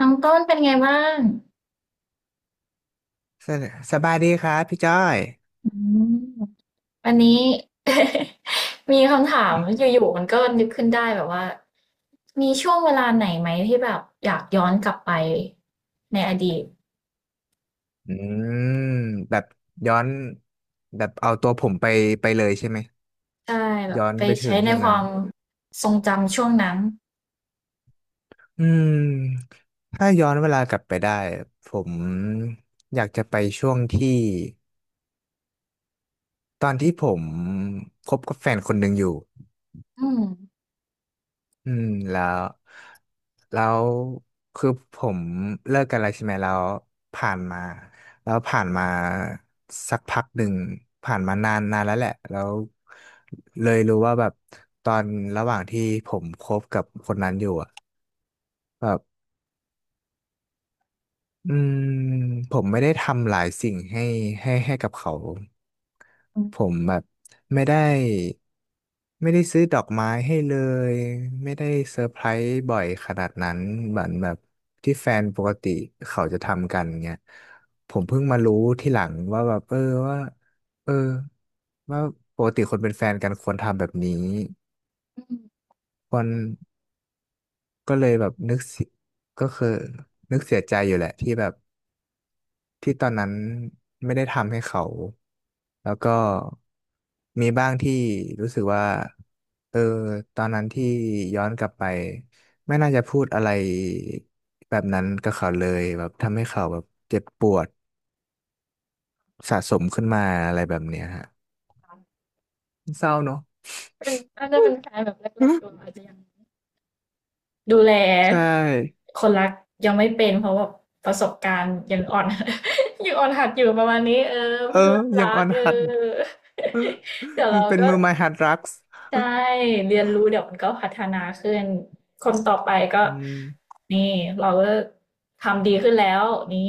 น้องต้นเป็นไงบ้างสสบายดีครับพี่จ้อยอืมวันนี้ มีคำถามอืมอยู่ๆมันก็นึกขึ้นได้แบบว่ามีช่วงเวลาไหนไหมที่แบบอยากย้อนกลับไปในอดีตอืมแบบย้อนแบบเอาตัวผมไปเลยใช่ไหมใช่แบบย้อนไปไปถึใช้งในช่วงคนั้วานมทรงจำช่วงนั้นอืมถ้าย้อนเวลากลับไปได้ผมอยากจะไปช่วงที่ตอนที่ผมคบกับแฟนคนหนึ่งอยู่ อืมอืมแล้วคือผมเลิกกันแล้วใช่ไหมแล้วผ่านมาแล้วผ่านมาสักพักหนึ่งผ่านมานานนานแล้วแหละแล้วเลยรู้ว่าแบบตอนระหว่างที่ผมคบกับคนนั้นอยู่อะ อืมผมไม่ได้ทำหลายสิ่งให้กับเขาอืผมมแบบไม่ได้ไม่ได้ซื้อดอกไม้ให้เลยไม่ได้เซอร์ไพรส์บ่อยขนาดนั้นเหมือนแบบที่แฟนปกติเขาจะทำกันเงี้ยผมเพิ่งมารู้ที่หลังว่าแบบว่าเออว่าปกติคนเป็นแฟนกันควรทำแบบนี้อืมควรก็เลยแบบนึกเสียก็คือนึกเสียใจอยู่แหละที่แบบ ที่ตอนนั้นไม่ได้ทำให้เขาแล้วก็มีบ้างที่รู้สึกว่าเออตอนนั้นที่ย้อนกลับไปไม่น่าจะพูดอะไรแบบนั้นกับเขาเลยแบบทำให้เขาแบบเจ็บปวดสะสมขึ้นมาอะไรแบบเนี้ยฮะเศร้าเนอะ เป็นน่าจะเป็นแฟนแบบแรกๆเราอาจ จะยัง ดูแลใช่คนรักยังไม่เป็นเพราะแบบประสบการณ์ยังอ่อน ยังอ่อนหัดอยู่ประมาณนี้เออเอเพิ่งอเริ่มรัยังอกอนเอหัดอ เดี๋ยวเราเป็นก็มือไม้หัดรักส์ใช่เรียนรู้เดี๋ยวมันก็พัฒนาขึ้นคนต่อไปก็อืมนี่เราก็ทำดีขึ้นแล้วนี่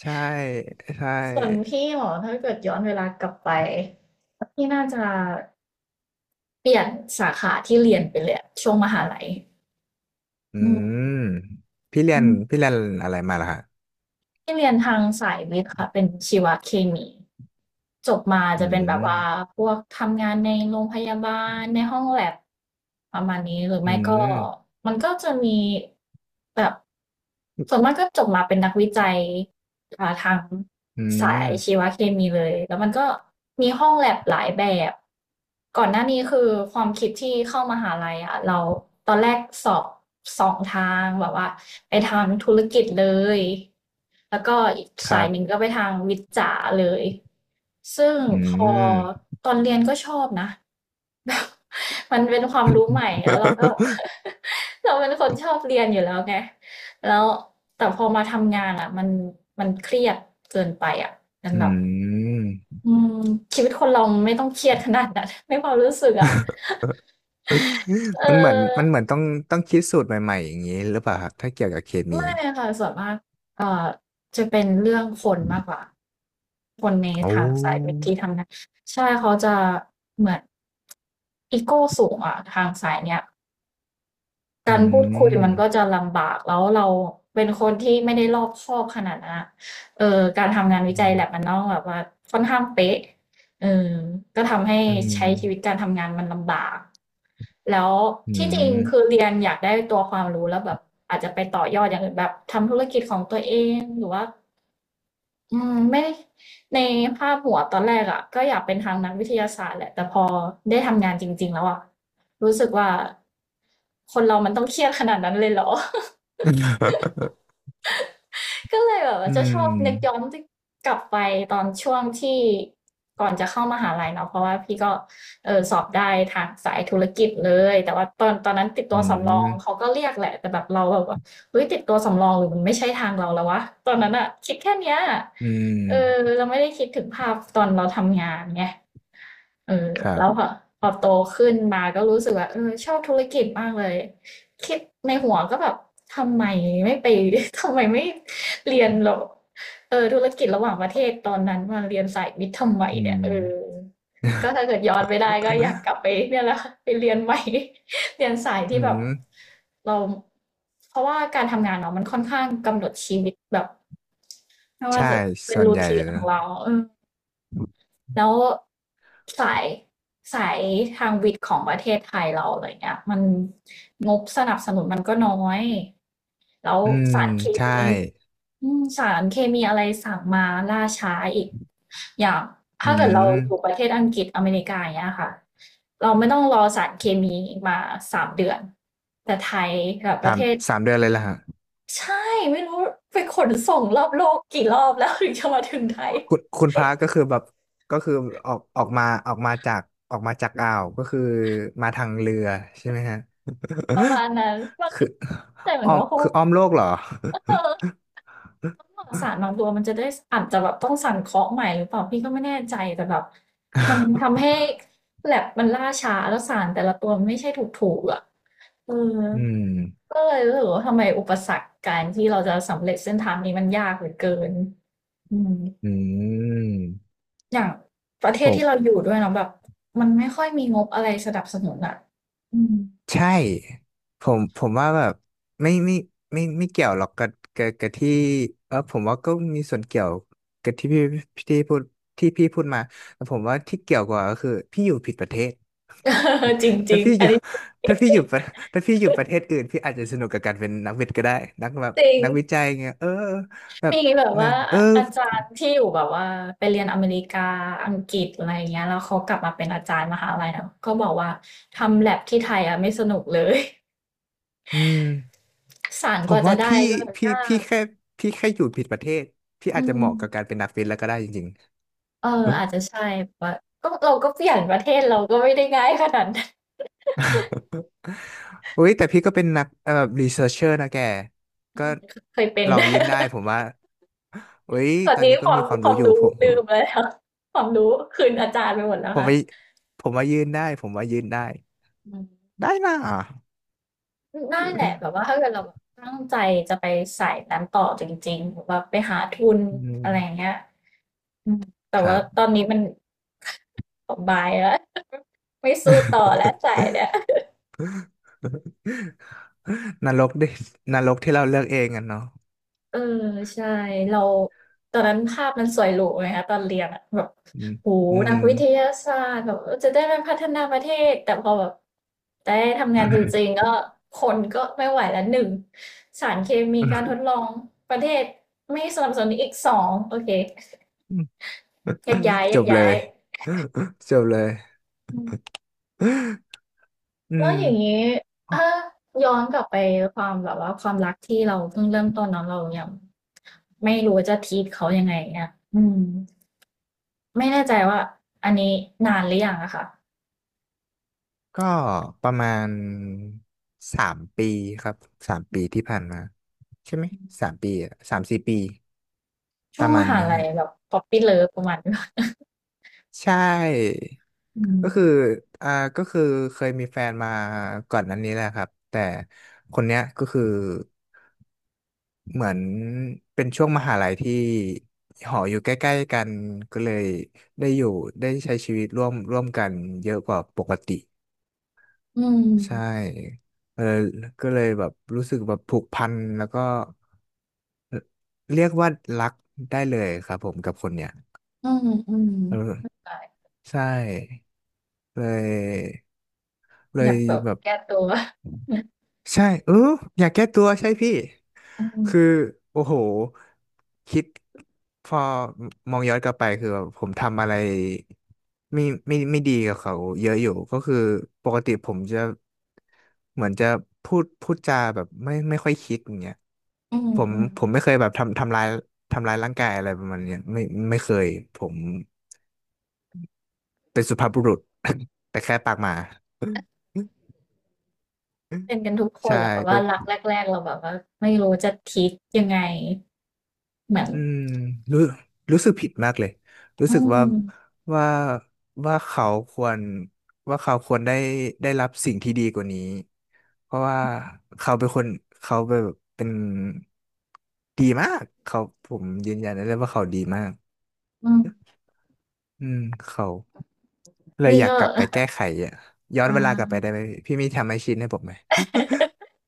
ใช่ใช่ ส่วนพี่หรอถ้าเกิดย้อนเวลากลับไปพี่น่าจะเปลี่ยนสาขาที่เรียนไปเลยอะช่วงมหาลัยอือืมมพี่เรียอืนม พี่เรียนอะไรมาล่ะฮะ ที่เรียนทางสายวิทย์ค่ะเป็นชีวเคมีจบมาอืจะเป็นแบบม ว่าพวกทำงานในโรงพยาบาลในห้องแลบประมาณนี้หรืออืไม่ก็ม มันก็จะมีแบบส่วนมากก็จบมาเป็นนักวิจัย อ่าทางอืสาม ยชีวเคมีเลยแล้วมันก็มีห้องแลบหลายแบบก่อนหน้านี้คือความคิดที่เข้ามหาลัยอ่ะเราตอนแรกสอบสองทางแบบว่าไปทางธุรกิจเลยแล้วก็อีกคสารัยหนึ่งบ ก็ไปทางวิทย์จ๋าเลยซึ่งอืพอม ตอนเรียนก็ชอบนะ แบบมันเป็นความรู้ใหม่แล้วเราก็ เราเป็นคนชอบเรียนอยู่แล้วไงแล้ว แต่พอมาทำงานอ่ะมันเครียดเกินไปอ่ะมันอืแบบม อืมชีวิตคนเราไม่ต้องเครียดขนาดนั้น ไม่ความรู้สึกอ่ะ เมันเหมือนมันออเหมือนต้องคิดสูตรใหม่ๆอย่างนี้หรือเปล่าครับถ้าเกี่ยวกับเคมีไม่ค่ะส่วนมากเอ่อจะเป็นเรื่องคนมากกว่าคนในโอ้ทางสายเวิธีทำงานใช่เขาจะเหมือนอีโก้สูงอ่ะทางสายเนี้ย อืการพูดคุยมันมก็จะลำบากแล้วเราเป็นคนที่ไม่ได้รอบคอบขนาดนั้นอะการทำงานวิอืจัย ม lab มันต้องแบบว่าค่อนข้างเป๊ะเออก็ทำให้อืมใช้ชีวิตการทำงานมันลำบาก แล้วอืที่จริงคือมเรียนอยากได้ตัวความรู้แล้วแบบอาจจะไปต่อยอดอย่างอื่นแบบทำธุรกิจของตัวเองหรือว่าอืมไม่ในภาพหัวตอนแรกอะก็อยากเป็นทางนักวิทยาศาสตร์แหละแต่พอได้ทำงานจริงๆแล้วอะรู้สึกว่าคนเรามันต้องเครียดขนาดนั้นเลยเหรอ ก็เลยแบบว่าอืจะชอบนึกย้อม นกลับไปตอนช่วงที่ก่อนจะเข้ามหาลัยเนาะเพราะว่าพี่ก็เออสอบได้ทางสายธุรกิจเลยแต่ว่าตอนนั้นติดตัอืวสำรอม งเขาก็เรียกแหละแต่แบบเราแบบว่าเฮ้ยติดตัวสำรองหรือมันไม่ใช่ทางเราแล้ววะตอนนั้นอะคิดแค่เนี้ยอืเออม เราไม่ได้คิดถึงภาพตอนเราทำงานไง เออครัแล้บ วพอโตขึ้นมาก็รู้สึกว่าเออชอบธุรกิจมากเลยคิดในหัวก็แบบทำไมไม่ไป ทำไมไม่เรียนหรอกเออธุรกิจระหว่างประเทศตอนนั้นมาเรียนสายวิทย์ทำไมอืเนี่ยม เออก็ถ้าเกิดย้อนไปได้ก็อยากกลับไปเนี่ยแหละ ไปเรียนใหม่ เรียนสายอืที่แบบม เราเพราะว่าการทำงานเนาะมันค่อนข้างกำหนดชีวิตแบบไม่ว่าใช่จะเป็นส่วนรูใหญ่ทีนขนะองเราเออ แล้วสายสายทางวิทย์ของประเทศไทยเราอะไรเงี้ยมันงบสนับสนุนมันก็น้อยแล้วอืมสารเคใช่ มีอืมสารเคมีอะไรสั่งมาล่าช้าอีกอย่างอืถ้าเกิดเราม อยู่ประเทศอังกฤษอเมริกาอย่างเงี้ยค่ะเราไม่ต้องรอสารเคมีมา3 เดือนแต่ไทยกับปสาระมเทศสามเดือนเลยล่ะฮะใช่ไม่รู้ไปขนส่งรอบโลกกี่รอบแล้ว ถึงจะมาถึงไทย คุณพระก็คือแบบก็คือออกออกมาออกมาจากออกมาจากอ่าวก็คือมาทางเรือใช่ไหมฮะ ประมาณนั้นบาง คืทีอแต่เหมือนอ้อมว่าเขาคืออ้อมโลกเหรอ เออหลอดสารบางตัวมันจะได้อาจจะแบบต้องสั่นเคาะใหม่หรือเปล่าพี่ก็ไม่แน่ใจแต่แบบมันทำให้แลบมันล่าช้าแล้วสารแต่ละตัวมันไม่ใช่ถูกๆอ่ะเออ อืมก็เลยรู้สึกว่าทำไมอุปสรรคการที่เราจะสำเร็จเส้นทางนี้มันยากเหลือเกินอืมอืมอย่างประเทผศม ที่เราอยู่ด้วยเนาะแบบมันไม่ค่อยมีงบอะไรสนับสนุนอ่ะอืม ใช่ผมว่าแบบไม่ไม่ไม่เกี่ยวหรอกกับที่เออผมว่าก็มีส่วนเกี่ยวกับที่พูดที่พี่พูดมาแต่ผมว่าที่เกี่ยวกว่าก็คือพี่อยู่ผิดประเทศ จริง จริถ้างพี่ออันยู่นี้ถ้าพี่อยู่ประถ้าพี่อยู่ประเทศอื่นพี่อาจจะสนุกกับการเป็นนักวิทย์ก็ได้นักแบบจริง นักวิจัยเงี้ยเออแบบมีแบบแบว่าบเออาออาจารย์ที่อยู่แบบว่าไปเรียนอเมริกาอังกฤษอะไรอย่างเงี้ยแล้วเขากลับมาเป็นอาจารย์มหาลัยนะก็บอกว่าทำแ a b ที่ไทยอะไม่สนุกเลย อืม สารผกมว่าจะว่าได้ก็พี่ยาพี่กแค่พี่แค่อยู่ผิดประเทศพี่อือาจจะเหมาะกับกามรเป็นนักวิทย์แล้วก็ได้จริงเออๆเออ อาจจะใช่ว่าก็เราก็เปลี่ยนประเทศเราก็ไม่ได้ง่ายขนาดนั้นอุ้ยแต่พี่ก็เป็นนักเอ่อแบบรีเสิร์ชเชอร์นะแกอืก็มเคยเป็น ลองยื่นได้ผมว่าอุ้ย ตอตนอนนี้นี้คก็วามีมความควารู้มอยู่รู้ลืมไปแล้วความรู้คืนอาจารย์ไปหมดแล้วผมค่ะว่าผมว่ายื่นได้ผมว่ายื่นได้อืม ได้นะนั่นแหละแบบว่าถ้าเกิดเราแบบตั้งใจจะไปสายนั้นต่อจริงๆแบบว่าไปหาทุนอือะไรอย่างมเงี้ยอืมแต่ครัว่าบ ตอนนี้มัน บายแล้ว ไม่สู้ต่อแล้วสายเนี่ย นรกดินรกที่เราเลือกเองกันเนาะเออใช่เราตอนนั้นภาพมันสวยหรูไงคะตอนเรียนอะแบบอืมโอ้โฮอืนัม กวิทยาศาสตร์แบบเออจะได้มาพัฒนาประเทศแต่พอแบบได้ทำงานจริงๆก็คนก็ไม่ไหวแล้วหนึ่งสารเคมีการท ดลองประเทศไม่สนับสนุนอีก2โอเคแยกย้ายแยจกบเลย้ายย จบเลยอืมอืแล้ม วอย่างงี้ถ้าย้อนกลับไปความแบบว่าความรักที่เราเพิ่งเริ่มต้นเนาะเรายังไม่รู้ว่าจะ treat เขายังไงเงี้ยอืม ไม่แน่ใจว่าอันนี้นานหรือยังอะค่ะก็ประมาณ3 ปีครับสามปีที่ผ่านมาใช่ไหมสามปีอะ3-4 ปีช่ปวงระมมาณหานะลัยฮะแบบ p o p p y Love ประมาณนี้ ใช่อืมก็คืออ่าก็คือเคยมีแฟนมาก่อนนั้นนี้แหละครับแต่คนเนี้ยก็คือเหมือนเป็นช่วงมหาลัยที่หออยู่ใกล้ๆกันก็เลยได้อยู่ได้ใช้ชีวิตร่วมกันเยอะกว่าปกติ อืใช่มเออก็เลยแบบรู้สึกแบบผูกพันแล้วก็เอ่อเรียกว่ารักได้เลยครับผมกับคนเนี้ยอืมอืมเออไม่เป็นได้ใช่เลยเลอยายกแบบแบบ แก้ตัวใช่เอออยากแก้ตัวใช่พี่อืมคือโอ้โหคิดพอมองย้อนกลับไปคือแบบผมทำอะไรไม่ไม่ดีกับเขาเยอะอยู่ก็คือปกติผมจะเหมือนจะพูดจาแบบไม่ค่อยคิดอย่างเงี้ยอืมผมอืมผมไม่เคยแบบทำร้ายร่างกายอะไรประมาณเนี้ยไม่เคยผมเป็นสุภาพบุรุษ แต่แค่ปากหมา เป็นกันทุกคนใช่แหละแบบก็ ว่ารักแรกๆเราแบบว่าไม่รู้จะทิทยังไงเหมือนอืมรู้รู้สึกผิดมากเลยรู้อืสึกมว่าว่าเขาควรว่าเขาควรได้รับสิ่งที่ดีกว่านี้เพราะว่าเขาเป็นคนเขาแบบเป็นดีมากเขาผมยืนยันได้เลยว่าเขาดีมากอืมอืมเขาเลยนี่อยากก็ ก ลับไปแก้ไขอ่ะย้ออ่นเวลากลับไปได้าไหมพี่มีทำให้ชินให้ผมไหม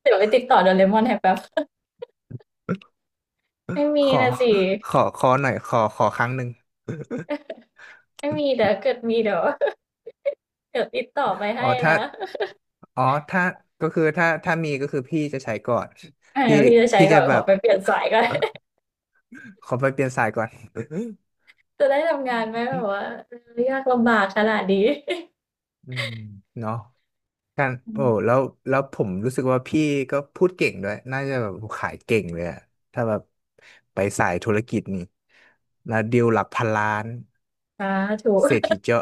เดี๋ยวไปติดต่อโดเรมอนให้แป๊บไม่มีขอนะสิขอหน่อยขอครั้งหนึ่ง ไม่มีเดี๋ยวเกิดมีเดี๋ยวเดี๋ยวติดต่อไปอ๋อให้ถ้านะ อ๋อถ้าก็คือถ้าถ้ามีก็คือพี่จะใช้ก่อนอาพี่พี่จะใช้พี่ก่จะอนแบขอบ ไปเปลี่ยนสายก่อน ขอไปเปลี่ยนสายก่อน จะได้ทำงานไหมแบบ ว่าเออยากลำบากขนาดนี้ อืมเนาะการ อืโอ้มแล้วผมรู้สึกว่าพี่ก็พูดเก่งด้วยน่าจะแบบขายเก่งเลยอะถ้าแบบไปสายธุรกิจนี่แล้วดีลหลักพันล้านสาธุเศรษฐีเจ้า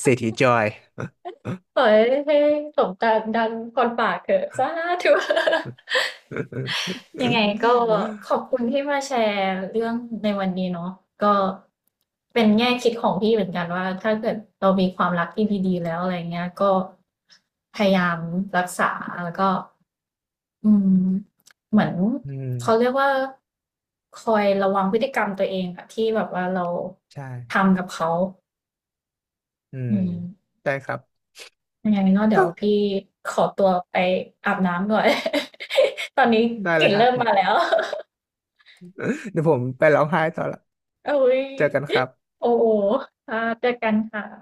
เศรษฐีจอย ขอให้ให้สมตัมดังคนปรากเถอะสาธุ ยังไงก็ขอบคุณที่มาแชร์เรื่องในวันนี้เนาะก็เป็นแง่คิดของพี่เหมือนกันว่าถ้าเกิดเรามีความรักที่ดีๆแล้วอะไรเงี้ยก็พยายามรักษาแล้วก็ อืมเหมือนอืมเขาเรียกว่าคอยระวังพฤติกรรมตัวเองอะที่แบบว่าเราใช่ทำกับเขาอืมอืมได้ครับ ยังไงก็เดี๋ยวพี่ ขอตัวไปอาบน้ำก่อน ตอนนี้ ได้กเลลิ่นยฮะ เริ่มมาแล้ว เดี๋ยวผมไปร้องไห้ต่อละ อุ๊ยเจอกันครับโอ้โฮค่ะเจอกันค่ะ